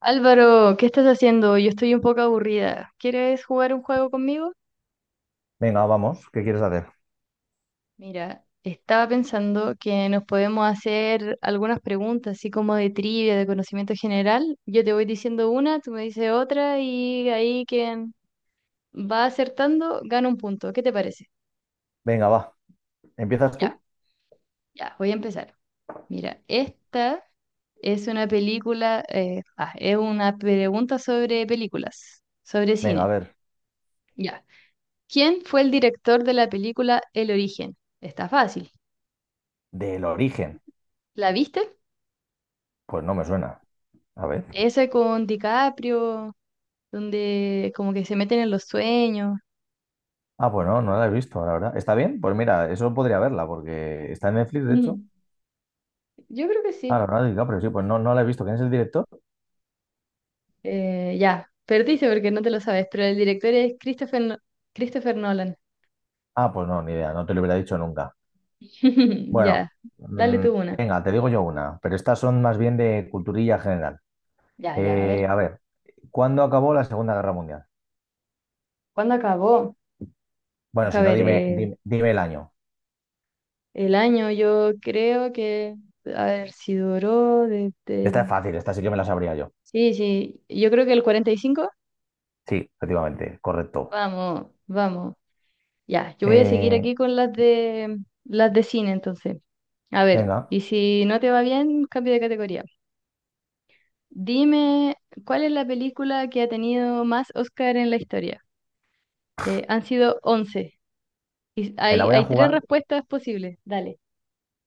Álvaro, ¿qué estás haciendo? Yo estoy un poco aburrida. ¿Quieres jugar un juego conmigo? Venga, vamos, ¿qué quieres hacer? Mira, estaba pensando que nos podemos hacer algunas preguntas, así como de trivia, de conocimiento general. Yo te voy diciendo una, tú me dices otra y ahí quien va acertando gana un punto. ¿Qué te parece? Venga, va. ¿Empiezas Ya, tú? ya, voy a empezar. Mira, esta es una película, es una pregunta sobre películas, sobre Venga, a cine. ver. Ya. ¿Quién fue el director de la película El Origen? Está fácil. Del origen. ¿La viste? Pues no me suena. A ver. Ese con DiCaprio, donde como que se meten en los sueños. Ah, pues no, no la he visto, la verdad. ¿Está bien? Pues mira, eso podría verla, porque está en Netflix, de hecho. Mm, yo creo que Ah, sí. Leonardo DiCaprio, sí, pues no, no la he visto. ¿Quién es el director? Ya, perdiste porque no te lo sabes, pero el director es Christopher, Christopher Nolan. Ah, pues no, ni idea, no te lo hubiera dicho nunca. Bueno, Ya, dale mm, tú una. venga, te digo yo una, pero estas son más bien de culturilla general. Ya, ya, a ver. A ver, ¿cuándo acabó la Segunda Guerra Mundial? ¿Cuándo acabó? Bueno, si Deja no, ver, dime el año. el año yo creo que, a ver, si duró desde Esta es el... fácil, esta sí que me la sabría yo. Sí, sí, yo creo que el 45. Sí, efectivamente, correcto. Vamos, vamos. Ya, yo voy a seguir Eh, aquí con las de cine entonces. A ver, Venga, y si no te va bien, cambio de categoría. Dime, ¿cuál es la película que ha tenido más Oscar en la historia? Han sido once. Y me la hay, voy a hay jugar. tres respuestas posibles. Dale.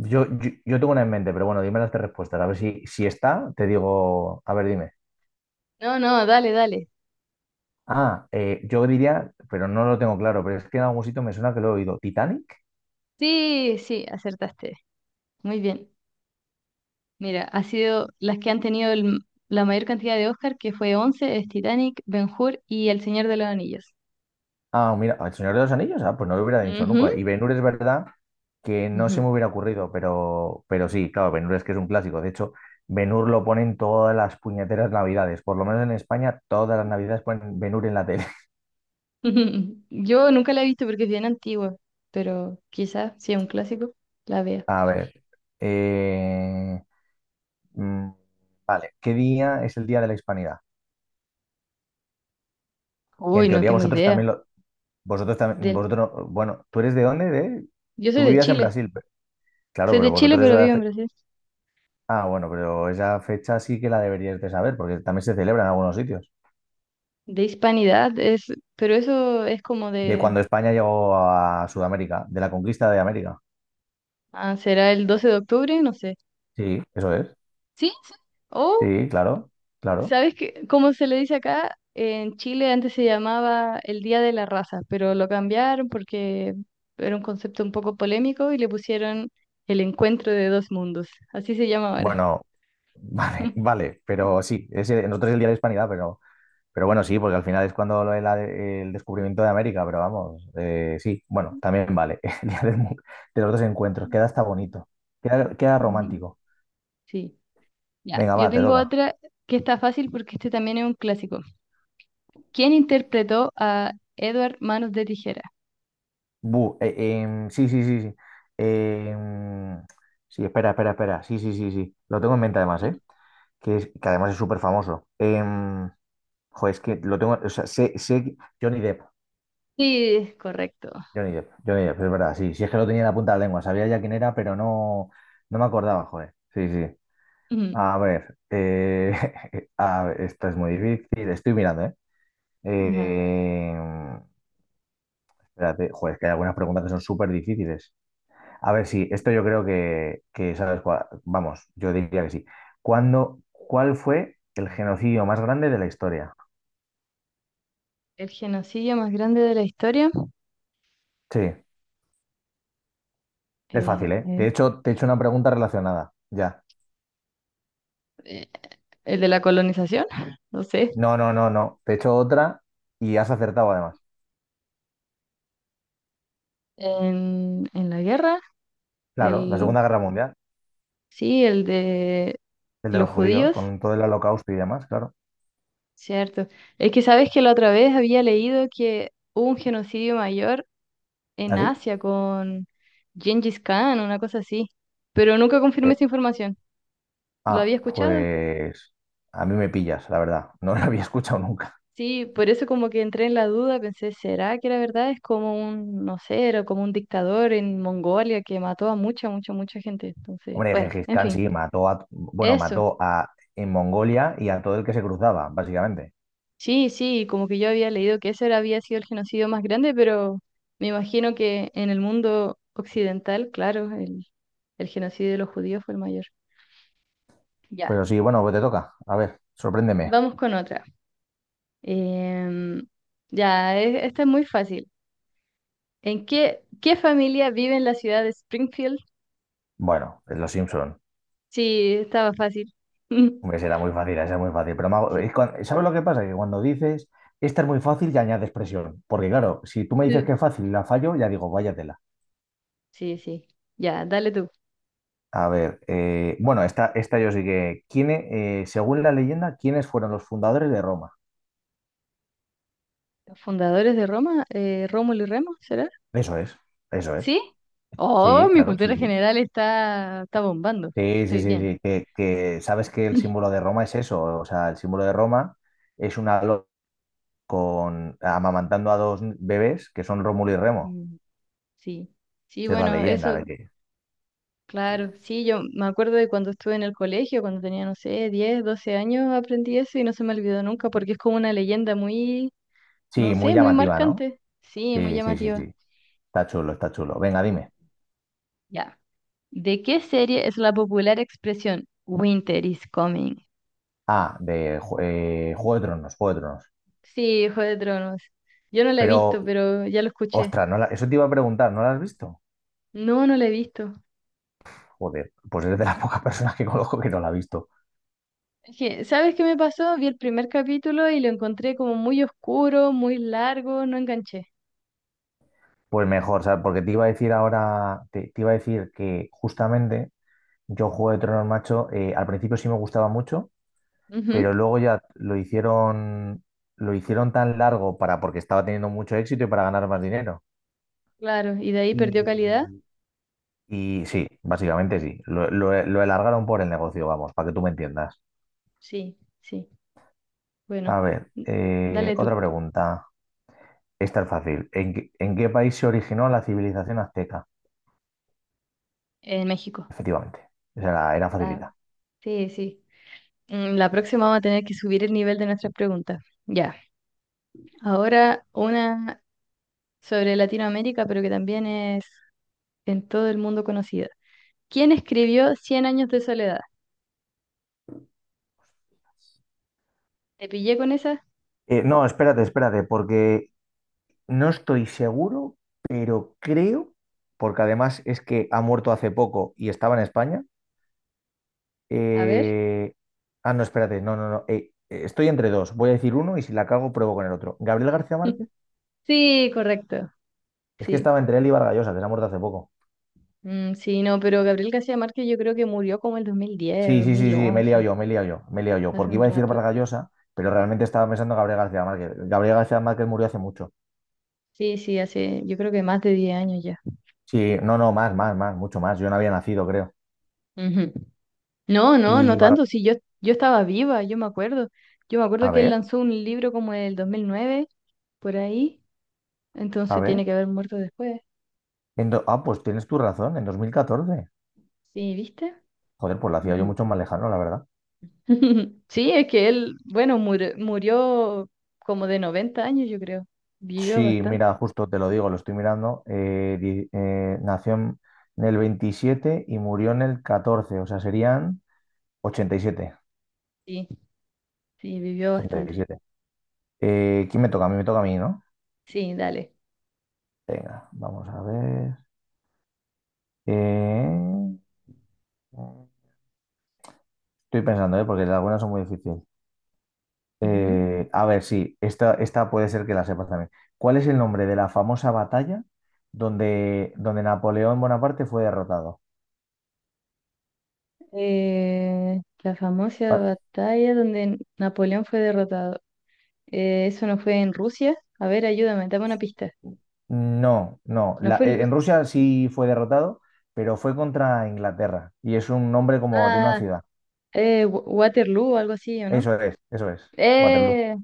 Yo tengo una en mente, pero bueno, dime las tres respuestas. A ver si, si está, te digo. A ver, dime. No, no, dale, dale. Yo diría, pero no lo tengo claro, pero es que en algún sitio me suena que lo he oído. ¿Titanic? Sí, sí, acertaste. Muy bien. Mira, ha sido las que han tenido la mayor cantidad de Oscar, que fue once, es Titanic, Ben-Hur y El Señor de los Anillos. Ah, mira, El Señor de los Anillos, pues no lo hubiera dicho Ujú, nunca. Y Ben es verdad que no se me ujú. hubiera ocurrido, pero sí, claro, Ben es que es un clásico. De hecho, Ben lo ponen todas las puñeteras navidades. Por lo menos en España, todas las navidades ponen Ben en la tele. Yo nunca la he visto porque es bien antigua, pero quizás si es un clásico, la vea. A ver. eh, Mm, vale, ¿qué día es el Día de la Hispanidad? Que en Uy, no teoría tengo vosotros idea. también lo... Vosotros también... Del... Vosotros... no- Bueno, ¿tú eres de dónde? De... Yo soy Tú de vivías en Chile. Brasil. Claro, Soy pero de Chile, vosotros pero vivo en Brasil. Ah, bueno, pero esa fecha sí que la deberíais de saber, porque también se celebra en algunos sitios. De hispanidad es, pero eso es como De de, cuando España llegó a Sudamérica, de la conquista de América. ah, ¿será el 12 de octubre? No sé. Sí, eso es. Sí, sí. O, Sí, claro, claro. ¿sabes qué? Como se le dice acá, en Chile antes se llamaba el Día de la Raza, pero lo cambiaron porque era un concepto un poco polémico y le pusieron el encuentro de dos mundos. Así se llama ahora. Bueno, vale, vale, pero sí, nosotros es el Día de la Hispanidad, pero... Pero bueno, sí, porque al final es cuando lo el descubrimiento de América, pero vamos, sí, bueno, también vale. El día del mu- De los dos encuentros, Ujú, queda hasta bonito, queda romántico. sí, ya. Venga, Yo va, te tengo toca. otra que está fácil porque este también es un clásico. ¿Quién interpretó a Edward Manos de Tijera? Bu, eh, sí, Em, sí, espera. Sí. Lo tengo en mente además, ¿eh? Que además es súper famoso. Jo, es que lo tengo, o sea, sé Johnny Depp, Sí, correcto. Johnny Depp, es verdad, sí, sí es que lo tenía en la punta de la lengua, sabía ya quién era, pero no, no me acordaba, joder. Sí, sí. Ujú. A ver, a ver, esta es muy difícil. Estoy mirando, ¿eh? Nada, Eh, Espérate, joder, es que hay algunas preguntas que son súper difíciles. A ver, sí, esto yo creo que, vamos, yo diría que sí. ¿ cuál fue el genocidio más grande de la historia? el genocidio más grande de la historia. Sí, es fácil, ¿eh? De Eh, hecho, te he hecho una pregunta relacionada. Ya. eh, el de la colonización, no sé. No. Te he hecho otra y has acertado además. En la guerra. Claro, la El, Segunda Guerra Mundial, sí, el de el de los los judíos, judíos, con todo el holocausto y demás, claro. cierto. Es que sabes que la otra vez había leído que hubo un genocidio mayor en ¿Así? Asia con Gengis Khan, una cosa así. Pero nunca confirmé esa información. ¿Lo Ah, había escuchado? pues a mí me pillas, la verdad. No lo había escuchado nunca. Sí, por eso como que entré en la duda, pensé, ¿será que la verdad es como un, no sé, era como un dictador en Mongolia que mató a mucha, mucha, mucha gente? Entonces, Hombre, bueno, Gengis en Khan fin, sí mató a, bueno, eso. mató a en Mongolia y a todo el que se cruzaba, básicamente. Sí, sí, como que yo había leído que ese había sido el genocidio más grande, pero me imagino que en el mundo occidental, claro, el genocidio de los judíos fue el mayor. Ya, Pero sí, bueno, pues te toca. A ver, sorpréndeme. vamos con otra. Em, ya, esta es muy fácil. ¿Qué familia vive en la ciudad de Springfield? Bueno, es Los Simpson. Sí, estaba fácil. Hombre, será muy fácil, esa es muy fácil. Pero me hago- Sí, es cuan- ¿sabes lo que pasa? Que cuando dices, esta es muy fácil, ya añades presión. Porque claro, si tú me dices que eh, es fácil y la fallo, ya digo, váyatela. sí, sí. Ya, dale tú. A ver, bueno, esta yo sí que. Según la leyenda, ¿quiénes fueron los fundadores de Roma? ¿Los fundadores de Roma? ¿Rómulo y Remo, será? Eso es, eso es. ¿Sí? Oh, Sí, mi claro, sí, cultura sí. general está, está bombando. Sí, sí, Estoy sí, bien. sí. Que sabes que el símbolo de Roma es eso. O sea, el símbolo de Roma es una loca con amamantando a dos bebés que son Rómulo y Remo. Mm, sí, sí, Esa es la bueno, leyenda de eso. que. Claro, sí, yo me acuerdo de cuando estuve en el colegio, cuando tenía, no sé, 10, 12 años, aprendí eso y no se me olvidó nunca porque es como una leyenda muy, no Sí, muy sé, muy llamativa, ¿no? marcante. Sí, muy Sí, sí, sí, llamativa. sí. Está chulo, está chulo. Venga, dime. Ya. ¿De qué serie es la popular expresión Winter is coming? Ah, Juego de Tronos, Juego de Tronos. Sí, Juego de Tronos. Yo no la he visto, Pero, pero ya lo escuché. ostras, no la- eso te iba a preguntar, ¿no la has visto? No, no la he visto. Joder, pues eres de las pocas personas que conozco que no la ha visto. Es que, ¿sabes qué me pasó? Vi el primer capítulo y lo encontré como muy oscuro, muy largo, no enganché. Pues mejor, ¿sabes? Porque te iba a decir ahora, te iba a decir que justamente yo Juego de Tronos, macho, al principio sí me gustaba mucho, Ujú, pero luego ya lo hicieron tan largo para, porque estaba teniendo mucho éxito y para ganar más dinero. claro, y de ahí perdió calidad. Y Y sí, básicamente sí, lo alargaron por el negocio, vamos, para que tú me entiendas. Sí, sí. Bueno, A ver, mm, dale otra tú, pregunta, esta es fácil. ¿En qué país se originó la civilización azteca? en México. Efectivamente, era Ah, facilita. sí, sí. Mm, la próxima vamos a tener que subir el nivel de nuestras preguntas. Ya. Ahora una sobre Latinoamérica, pero que también es en todo el mundo conocida. ¿Quién escribió Cien años de soledad? ¿Te pillé con esa? No, espérate, porque no estoy seguro, pero creo, porque además es que ha muerto hace poco y estaba en España. A ver. eh, Ah, no, espérate, no. Estoy entre dos. Voy a decir uno y si la cago, pruebo con el otro. Gabriel García Márquez, Sí, correcto. es que Sí. estaba entre él y Vargas Llosa, que se ha muerto hace poco. Mm, sí, no, pero Gabriel García Márquez yo creo que murió como el 2010, dos mil Sí, once. Me he liado yo, Hace porque un iba a decir rato. Vargallosa, pero realmente estaba pensando en Gabriel García Márquez. Gabriel García Márquez murió hace mucho. Sí, sí, hace, yo creo que más de 10 años ya. Sí, no, más, mucho más. Yo no había nacido, creo. Ujú. No, no, Y no Bar- tanto. Sí, yo estaba viva, yo me acuerdo. Yo me a acuerdo que él ver, lanzó un libro como en el 2009, por ahí. a Entonces ver. tiene que haber muerto después. En do- Ah, pues tienes tu razón, en 2014. Sí, ¿viste? Joder, pues lo hacía yo Ujú. mucho más lejano, la verdad. Sí, es que él, bueno, murió como de 90 años, yo creo. Vivió Sí, mira, bastante. justo te lo digo, lo estoy mirando. Nació en el 27 y murió en el 14, o sea, serían 87. Sí, sí, vivió bastante. 87. ¿Quién me toca? A mí me toca a mí, ¿no? Sí, dale. Venga, vamos a ver. Eh, Estoy pensando, ¿eh? Porque algunas son muy difíciles. Ujú. A ver, sí, esta puede ser que la sepas también. ¿Cuál es el nombre de la famosa batalla donde Napoleón Bonaparte fue derrotado? La famosa Pa- batalla donde Napoleón fue derrotado. Eso no fue en Rusia. A ver, ayúdame, dame una pista. No, no. No fue en En Rusia. Rusia sí fue derrotado, pero fue contra Inglaterra y es un nombre como de una Ah, ciudad. Waterloo algo así, ¿o no? Eso es, eso es. Waterloo. Eh,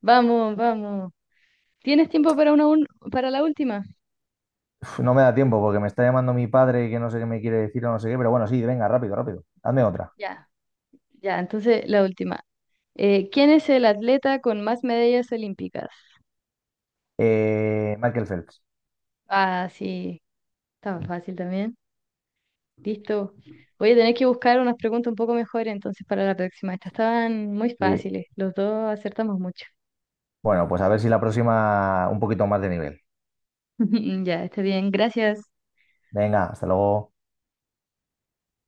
vamos, vamos. ¿Tienes tiempo para una para la última? Uf, no me da tiempo porque me está llamando mi padre que no sé qué me quiere decir o no sé qué, pero bueno, sí, venga, rápido. Hazme otra. Ya, ya, entonces la última. ¿Quién es el atleta con más medallas olímpicas? Michael Phelps. Ah, sí, está fácil también. Listo. Voy a tener que buscar unas preguntas un poco mejores entonces para la próxima. Estas estaban muy Sí. fáciles. Los dos acertamos mucho. Bueno, pues a ver si la próxima un poquito más de nivel. Ya, está bien. Gracias. Venga, hasta luego.